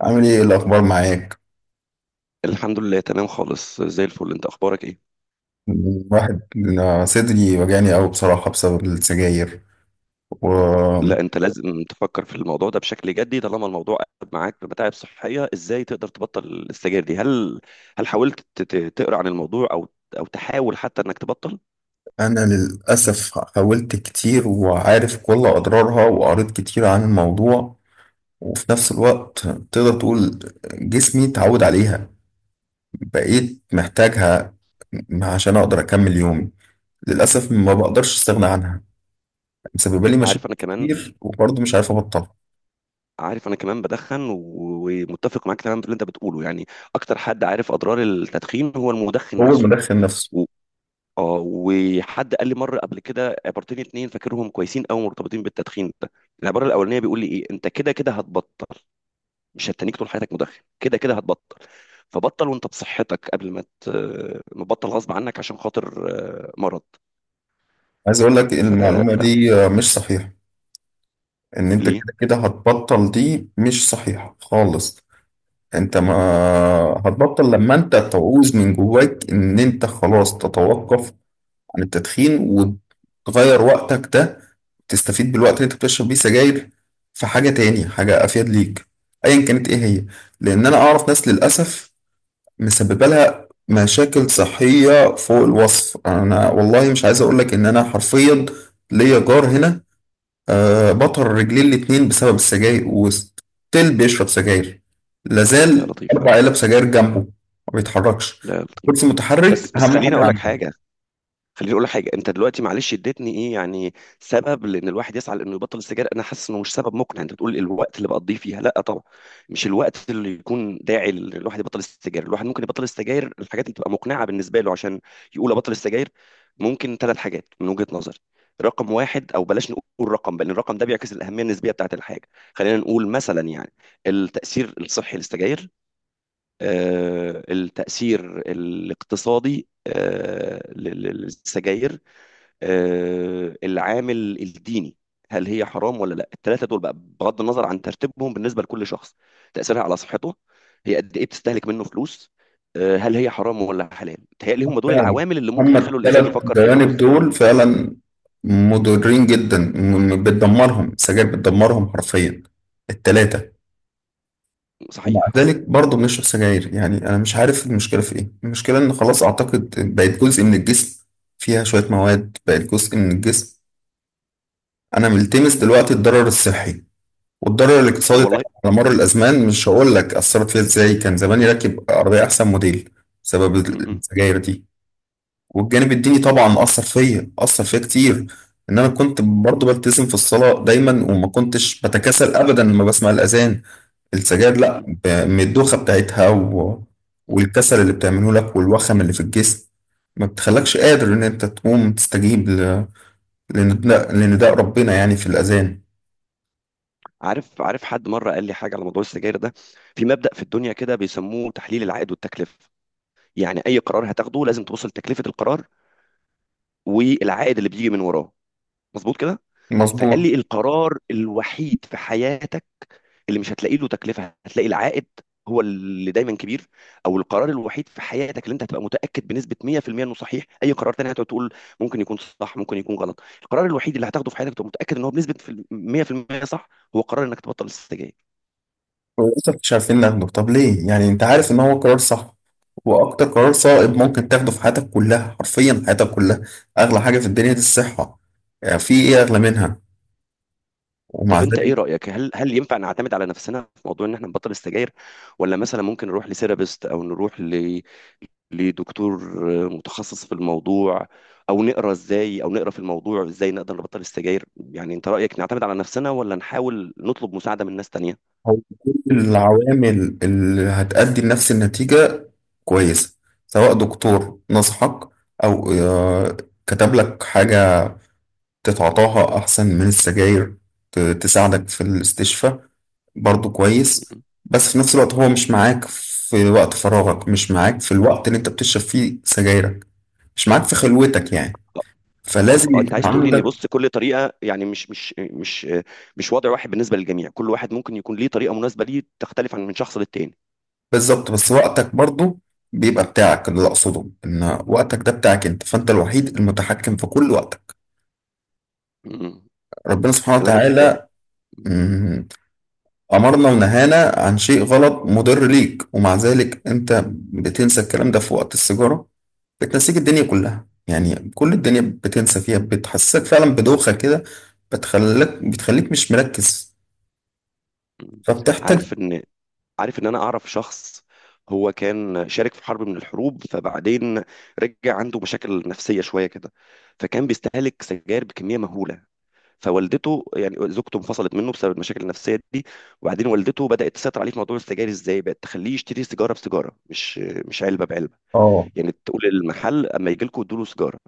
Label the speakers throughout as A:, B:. A: عامل ايه، إيه الاخبار معاك؟
B: الحمد لله، تمام خالص، زي الفل. انت اخبارك ايه؟
A: واحد. صدري وجعني قوي بصراحة بسبب السجاير، وانا
B: لا، انت لازم تفكر في الموضوع ده بشكل جدي. طالما الموضوع قلب معاك بمتاعب صحيه، ازاي تقدر تبطل السجاير دي؟ هل حاولت تقرا عن الموضوع او تحاول حتى انك تبطل؟
A: للاسف حاولت كتير وعارف كل اضرارها وقريت كتير عن الموضوع. وفي نفس الوقت تقدر تقول جسمي اتعود عليها، بقيت محتاجها عشان اقدر اكمل يومي. للاسف ما بقدرش استغنى عنها، مسببه لي مشاكل
B: عارف انا كمان
A: كتير وبرضه مش عارف ابطلها.
B: عارف انا كمان بدخن ومتفق معاك تماما في اللي انت بتقوله، يعني اكتر حد عارف اضرار التدخين هو المدخن
A: هو
B: نفسه
A: المدخن نفسه.
B: و... اه وحد قال لي مره قبل كده عبارتين اتنين فاكرهم كويسين قوي، مرتبطين بالتدخين ده. العباره الاولانيه بيقول لي ايه؟ انت كده كده هتبطل، مش هتتنيك طول حياتك مدخن، كده كده هتبطل. فبطل وانت بصحتك قبل ما ما تبطل غصب عنك عشان خاطر مرض.
A: عايز اقول لك
B: فليه؟
A: المعلومة دي مش صحيحة، ان انت كده كده هتبطل دي مش صحيحة خالص. انت ما هتبطل لما انت تعوز من جواك ان انت خلاص تتوقف عن التدخين وتغير وقتك ده، تستفيد بالوقت اللي انت بتشرب بيه سجاير في حاجة تاني، حاجة افيد ليك ايا كانت ايه هي. لان انا اعرف ناس للاسف مسببة لها مشاكل صحية فوق الوصف. انا والله مش عايز اقولك ان انا حرفيا ليا جار هنا، آه، بطر رجليه الاتنين بسبب السجاير وستيل بيشرب سجاير،
B: يا
A: لازال
B: لطيف يا
A: أربع
B: رب.
A: علب سجاير جنبه، ما بيتحركش،
B: لا يا لطيف.
A: كرسي متحرك
B: بس بس،
A: أهم
B: خليني
A: حاجة
B: اقول لك
A: عنده.
B: حاجه. انت دلوقتي معلش اديتني ايه، يعني سبب لان الواحد يسعى لانه يبطل السجاير؟ انا حاسس انه مش سبب مقنع. انت بتقول الوقت اللي بقضيه فيها، لا طبعا، مش الوقت اللي يكون داعي ان الواحد يبطل السجاير. الواحد ممكن يبطل السجاير، الحاجات اللي تبقى مقنعه بالنسبه له عشان يقول ابطل السجاير ممكن ثلاث حاجات من وجهه نظري. رقم واحد، او بلاش نقول رقم، بل الرقم ده بيعكس الاهميه النسبيه بتاعت الحاجه. خلينا نقول مثلا، يعني التاثير الصحي للسجاير، التاثير الاقتصادي للسجاير، العامل الديني، هل هي حرام ولا لا. الثلاثه دول بقى، بغض النظر عن ترتيبهم بالنسبه لكل شخص: تاثيرها على صحته، هي قد ايه بتستهلك منه فلوس، هل هي حرام ولا حلال. تهيألي هم دول
A: فعلا،
B: العوامل اللي ممكن
A: هما
B: يخلوا الانسان
A: التلات
B: يفكر في موضوع
A: جوانب
B: السجاير.
A: دول فعلا مضرين جدا، بتدمرهم السجاير، بتدمرهم حرفيا التلاتة. ومع
B: صحيح.
A: ذلك برضه بنشرب سجاير. يعني أنا مش عارف المشكلة في إيه. المشكلة إن خلاص أعتقد بقت جزء من الجسم، فيها شوية مواد بقت جزء من الجسم. أنا ملتمس دلوقتي الضرر الصحي والضرر الاقتصادي طبعا
B: والله.
A: على مر الازمان، مش هقول لك اثرت فيها ازاي، كان
B: م-
A: زماني راكب عربيه احسن موديل بسبب
B: م-
A: السجاير دي. والجانب الديني طبعا اثر فيا، اثر فيا كتير، ان انا كنت برضه بلتزم في الصلاه دايما وما كنتش بتكاسل ابدا لما بسمع الاذان. السجاير
B: م-
A: لا،
B: م-
A: من الدوخه بتاعتها
B: م.
A: والكسل اللي بتعمله لك والوخم اللي في الجسم، ما بتخلكش قادر ان انت تقوم تستجيب لنداء، لنداء ربنا يعني في الاذان.
B: عارف حد مره قال لي حاجه على موضوع السجاير ده. في مبدأ في الدنيا كده بيسموه تحليل العائد والتكلفه، يعني اي قرار هتاخده لازم تبص لتكلفه القرار والعائد اللي بيجي من وراه. مظبوط كده؟
A: مظبوط.
B: فقال لي القرار الوحيد في حياتك اللي مش هتلاقي له تكلفه، هتلاقي العائد هو اللي دايما كبير، او القرار الوحيد في حياتك اللي انت هتبقى متاكد بنسبه 100% انه صحيح، اي قرار تاني هتقعد تقول ممكن يكون صح ممكن يكون غلط، القرار الوحيد اللي هتاخده في حياتك تبقى متاكد ان هو بنسبه 100% صح، هو قرار انك تبطل السجاير.
A: ولسه مش عارفين ناخده. طب ليه؟ يعني انت عارف ان هو قرار صح، واكتر قرار صائب ممكن تاخده في حياتك كلها، حرفيا حياتك كلها. اغلى حاجة في الدنيا دي الصحة، يعني في ايه اغلى منها؟ ومع
B: طب انت
A: ذلك.
B: ايه رايك، هل ينفع نعتمد على نفسنا في موضوع ان احنا نبطل السجاير، ولا مثلا ممكن نروح لسيرابيست او نروح لدكتور متخصص في الموضوع، او نقرا ازاي، او نقرا في الموضوع ازاي نقدر نبطل السجاير؟ يعني انت رايك نعتمد على نفسنا ولا نحاول نطلب مساعده من ناس تانية؟
A: هو كل العوامل اللي هتؤدي لنفس النتيجة كويسة، سواء دكتور نصحك او كتب لك حاجة تتعاطاها أحسن من السجاير، تساعدك في الاستشفاء، برضو كويس.
B: م-
A: بس في نفس الوقت هو مش معاك في وقت فراغك، مش معاك في الوقت اللي انت بتشرب فيه سجايرك، مش معاك في خلوتك يعني،
B: اه.
A: فلازم
B: اه انت
A: يكون
B: عايز تقولي ان
A: عندك.
B: بص، كل طريقه، يعني مش وضع واحد بالنسبه للجميع، كل واحد ممكن يكون ليه طريقه مناسبه ليه تختلف عن من شخص للتاني.
A: بالظبط. بس وقتك برضو بيبقى بتاعك. اللي أقصده إن وقتك ده بتاعك أنت، فأنت الوحيد المتحكم في كل وقتك.
B: مم.
A: ربنا سبحانه
B: كلامك.
A: وتعالى أمرنا ونهانا عن شيء غلط مضر ليك، ومع ذلك أنت بتنسى الكلام ده في وقت السيجارة. بتنسيك الدنيا كلها، يعني كل الدنيا بتنسى فيها، بتحسسك فعلا بدوخة كده، بتخليك مش مركز،
B: مم.
A: فبتحتاج.
B: عارف ان عارف ان انا اعرف شخص هو كان شارك في حرب من الحروب، فبعدين رجع عنده مشاكل نفسية شوية كده، فكان بيستهلك سجاير بكمية مهولة. فوالدته، يعني زوجته انفصلت منه بسبب المشاكل النفسية دي، وبعدين والدته بدأت تسيطر عليه في موضوع السجاير. ازاي؟ بقت تخليه يشتري سيجارة بسيجارة، مش علبة بعلبة.
A: اه.
B: يعني تقول المحل اما يجي لكم ادوا له سيجارة،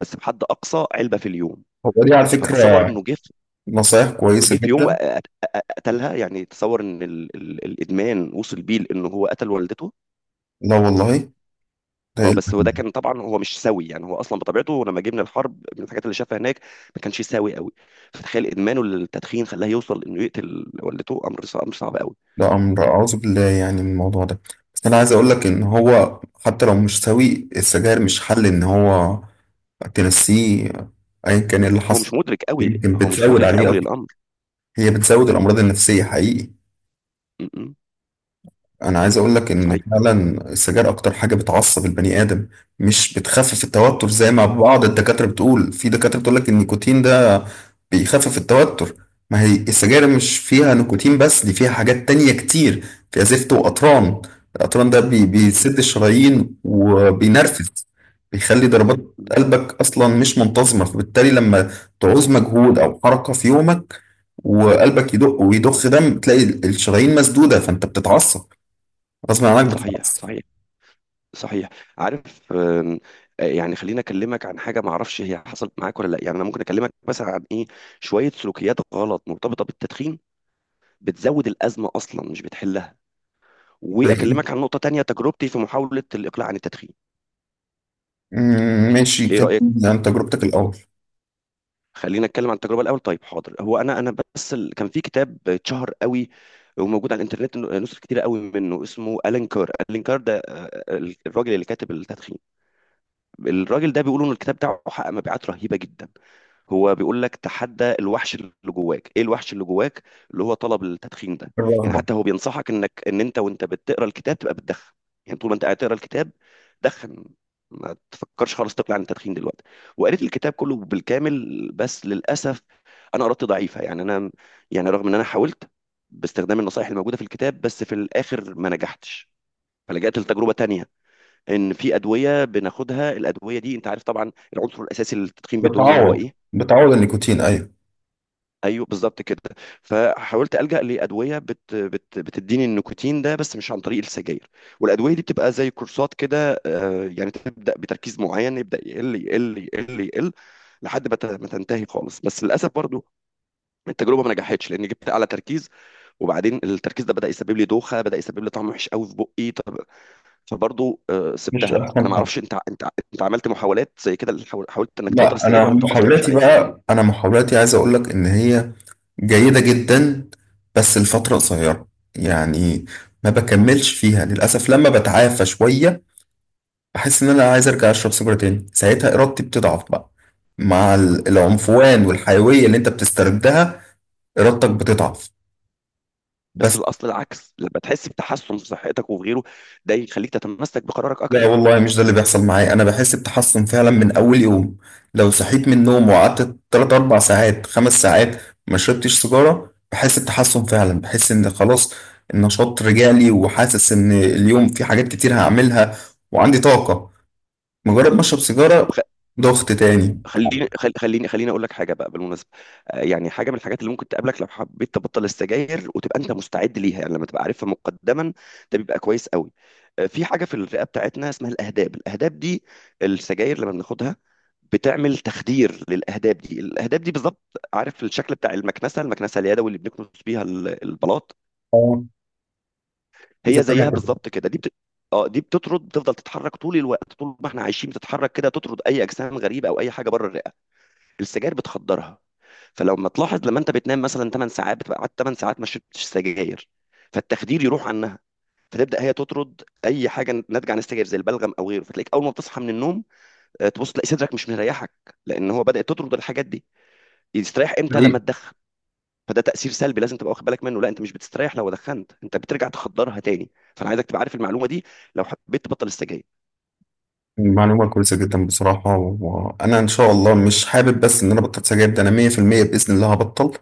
B: بس بحد اقصى علبة في اليوم.
A: هو دي على
B: فتصور
A: فكرة
B: انه
A: نصايح كويسة
B: جه في يوم
A: جدا.
B: قتلها. يعني تصور ان الادمان وصل بيه لانه هو قتل والدته.
A: لا والله. ده
B: اه،
A: إيه
B: بس هو ده كان
A: الأهمية؟
B: طبعا، هو مش سوي. يعني هو اصلا بطبيعته لما جه من الحرب، من الحاجات اللي شافها هناك، ما كانش سوي قوي. فتخيل ادمانه للتدخين خلاه يوصل انه يقتل والدته، امر صعب، امر صعب قوي.
A: ده أمر أعوذ بالله يعني من الموضوع ده. بس أنا عايز أقول لك إن هو حتى لو مش سوي، السجاير مش حل إن هو تنسيه ايا كان إيه اللي
B: هو
A: حصل،
B: مش مدرك قوي
A: يمكن
B: هو مش
A: بتزود
B: مدرك
A: عليه
B: قوي
A: اصلا.
B: للامر.
A: هي بتزود الامراض النفسيه حقيقي.
B: م.
A: انا عايز اقول لك ان
B: صحيح.
A: فعلا السجاير اكتر حاجه بتعصب البني ادم، مش بتخفف التوتر زي ما بعض الدكاتره بتقول. في دكاتره بتقول لك ان النيكوتين ده بيخفف التوتر، ما هي السجاير مش فيها
B: م-
A: نيكوتين بس، دي فيها حاجات تانية كتير، فيها زفت وقطران. القطران ده بيسد الشرايين
B: م-
A: وبينرفز، بيخلي ضربات
B: م.
A: قلبك اصلا مش منتظمه، فبالتالي لما تعوز مجهود او حركه في يومك وقلبك يدق ويضخ دم، تلاقي الشرايين مسدوده فانت بتتعصب، غصب عنك
B: صحيح،
A: بتتعصب.
B: صحيح، صحيح. عارف آم، آه، يعني خليني اكلمك عن حاجه، ما اعرفش هي حصلت معاك ولا لا. يعني انا ممكن اكلمك مثلا عن ايه؟ شويه سلوكيات غلط مرتبطه بالتدخين بتزود الازمه اصلا مش بتحلها،
A: زي-
B: واكلمك عن نقطه تانية: تجربتي في محاوله الاقلاع عن التدخين.
A: ماشي،
B: ايه رايك؟
A: كلمني عن تجربتك الأول.
B: خلينا نتكلم عن التجربه الاول. طيب، حاضر. هو كان في كتاب اتشهر قوي، وموجود على الانترنت نسخ كتيره قوي منه، اسمه الين كار. الين كار ده الراجل اللي كاتب التدخين. الراجل ده بيقولوا ان الكتاب بتاعه حقق مبيعات رهيبه جدا. هو بيقول لك تحدى الوحش اللي جواك. ايه الوحش اللي جواك؟ اللي هو طلب التدخين ده. يعني
A: الرغبة.
B: حتى هو بينصحك انك ان انت وانت بتقرا الكتاب تبقى بتدخن. يعني طول ما انت قاعد تقرا الكتاب دخن، ما تفكرش خالص تقلع عن التدخين دلوقتي. وقريت الكتاب كله بالكامل، بس للاسف انا قرأت ضعيفه، يعني انا، يعني رغم ان انا حاولت باستخدام النصائح الموجوده في الكتاب، بس في الاخر ما نجحتش. فلجأت لتجربه تانية، ان في ادويه بناخدها. الادويه دي، انت عارف طبعا العنصر الاساسي اللي التدخين بيديه لنا هو
A: بتعوض،
B: ايه؟
A: بتعوض النيكوتين أيوه.
B: ايوه، بالظبط كده. فحاولت الجا لادويه بت بت بتديني النيكوتين ده بس مش عن طريق السجاير. والادويه دي بتبقى زي كورسات كده، يعني تبدا بتركيز معين يبدا يقل يقل يقل يقل لحد ما ما تنتهي خالص. بس للاسف برضو التجربه ما نجحتش لان جبت اعلى تركيز، وبعدين التركيز ده بدا يسبب لي دوخه، بدا يسبب لي طعم وحش قوي في بقي. طب فبرضو
A: مش
B: سبتها.
A: أحسن
B: انا ما
A: حاجة.
B: اعرفش انت عملت محاولات زي كده؟ حاولت انك تبطل
A: لا،
B: السجاير
A: أنا
B: ولا انت اصلا مش
A: محاولاتي
B: عايز؟
A: بقى، أنا محاولاتي عايز أقول لك إن هي جيدة جدا، بس لفترة قصيرة. يعني ما بكملش فيها للأسف. لما بتعافى شوية بحس إن أنا عايز أرجع أشرب سيجارة تاني. ساعتها إرادتي بتضعف بقى، مع العنفوان والحيوية اللي أنت بتستردها، إرادتك بتضعف،
B: بس
A: بس.
B: الاصل العكس، لما تحس بتحسن في صحتك وفي غيره ده يخليك تتمسك بقرارك
A: لا
B: اكتر.
A: والله مش ده اللي بيحصل معايا. انا بحس بتحسن فعلا من اول يوم، لو صحيت من النوم وقعدت 3 4 ساعات، 5 ساعات، ما شربتش سيجارة، بحس بتحسن فعلا، بحس ان خلاص النشاط رجع لي، وحاسس ان اليوم في حاجات كتير هعملها وعندي طاقة. مجرد ما اشرب
B: طب
A: سيجارة،
B: خ-
A: ضغط تاني.
B: خليني خل- خليني خليني اقول لك حاجه بقى بالمناسبه. يعني حاجه من الحاجات اللي ممكن تقابلك لو حبيت تبطل السجاير، وتبقى انت مستعد ليها، يعني لما تبقى عارفها مقدما ده بيبقى كويس قوي. في حاجه في الرئه بتاعتنا اسمها الاهداب. الاهداب دي السجاير لما بناخدها بتعمل تخدير للاهداب دي. الاهداب دي بالظبط، عارف الشكل بتاع المكنسه؟ المكنسه اليدوي اللي بنكنس بيها البلاط،
A: اه. زي
B: هي
A: ما
B: زيها
A: أنا كده.
B: بالظبط كده. اه دي بتطرد، بتفضل تتحرك طول الوقت. طول ما احنا عايشين بتتحرك كده، تطرد اي اجسام غريبه او اي حاجه بره الرئه. السجاير بتخدرها. فلما تلاحظ، لما انت بتنام مثلا 8 ساعات، بتبقى قعدت 8 ساعات ما شربتش سجاير، فالتخدير يروح عنها، فتبدا هي تطرد اي حاجه ناتجه عن السجاير زي البلغم او غيره. فتلاقيك اول ما بتصحى من النوم، تبص تلاقي صدرك مش مريحك، لان هو بدات تطرد الحاجات دي. يستريح امتى؟
A: دي
B: لما تدخن. فده تأثير سلبي لازم تبقى واخد بالك منه. لا، انت مش بتستريح لو دخنت، انت بترجع تخدرها تاني. فانا عايزك تبقى عارف المعلومة دي لو حبيت تبطل السجاير.
A: معلومة كويسة جدا بصراحة، وأنا إن شاء الله، مش حابب بس إن أنا بطلت سجاير، ده أنا 100% بإذن الله هبطل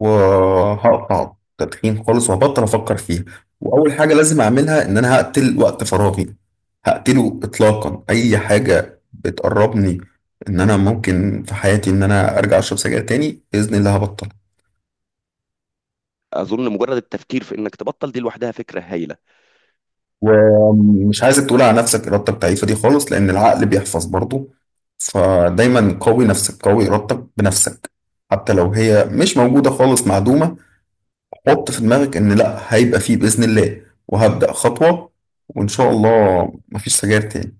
A: وهقطع تدخين خالص، وهبطل افكر فيها. واول حاجه لازم اعملها ان انا هقتل وقت فراغي، هقتله اطلاقا، اي حاجه بتقربني ان انا ممكن في حياتي ان انا ارجع اشرب سجاير تاني، باذن الله هبطل.
B: اظن مجرد التفكير في انك تبطل دي لوحدها فكرة هايلة.
A: ومش عايزك تقول على نفسك ارادتك ضعيفه دي خالص، لان العقل بيحفظ برضه. فدايما قوي نفسك، قوي ارادتك بنفسك، حتى لو هي مش موجوده، خالص معدومه، حط في دماغك ان لا، هيبقى فيه باذن الله وهبدا خطوه، وان شاء الله مفيش سجاير تاني.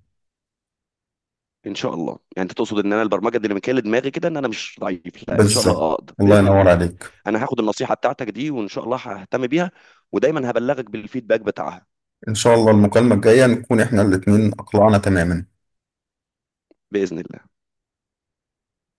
B: ان شاء الله. يعني انت تقصد ان انا البرمجة الديناميكية اللي دماغي كده ان انا مش ضعيف، لا، ان شاء
A: بالظبط.
B: الله اقدر
A: الله
B: بإذن الله.
A: ينور عليك.
B: انا هاخد النصيحة بتاعتك دي، وان شاء الله ههتم بيها، ودايما هبلغك بالفيدباك بتاعها.
A: ان شاء الله المكالمه الجايه نكون احنا الاتنين اقلعنا تماما.
B: بإذن الله.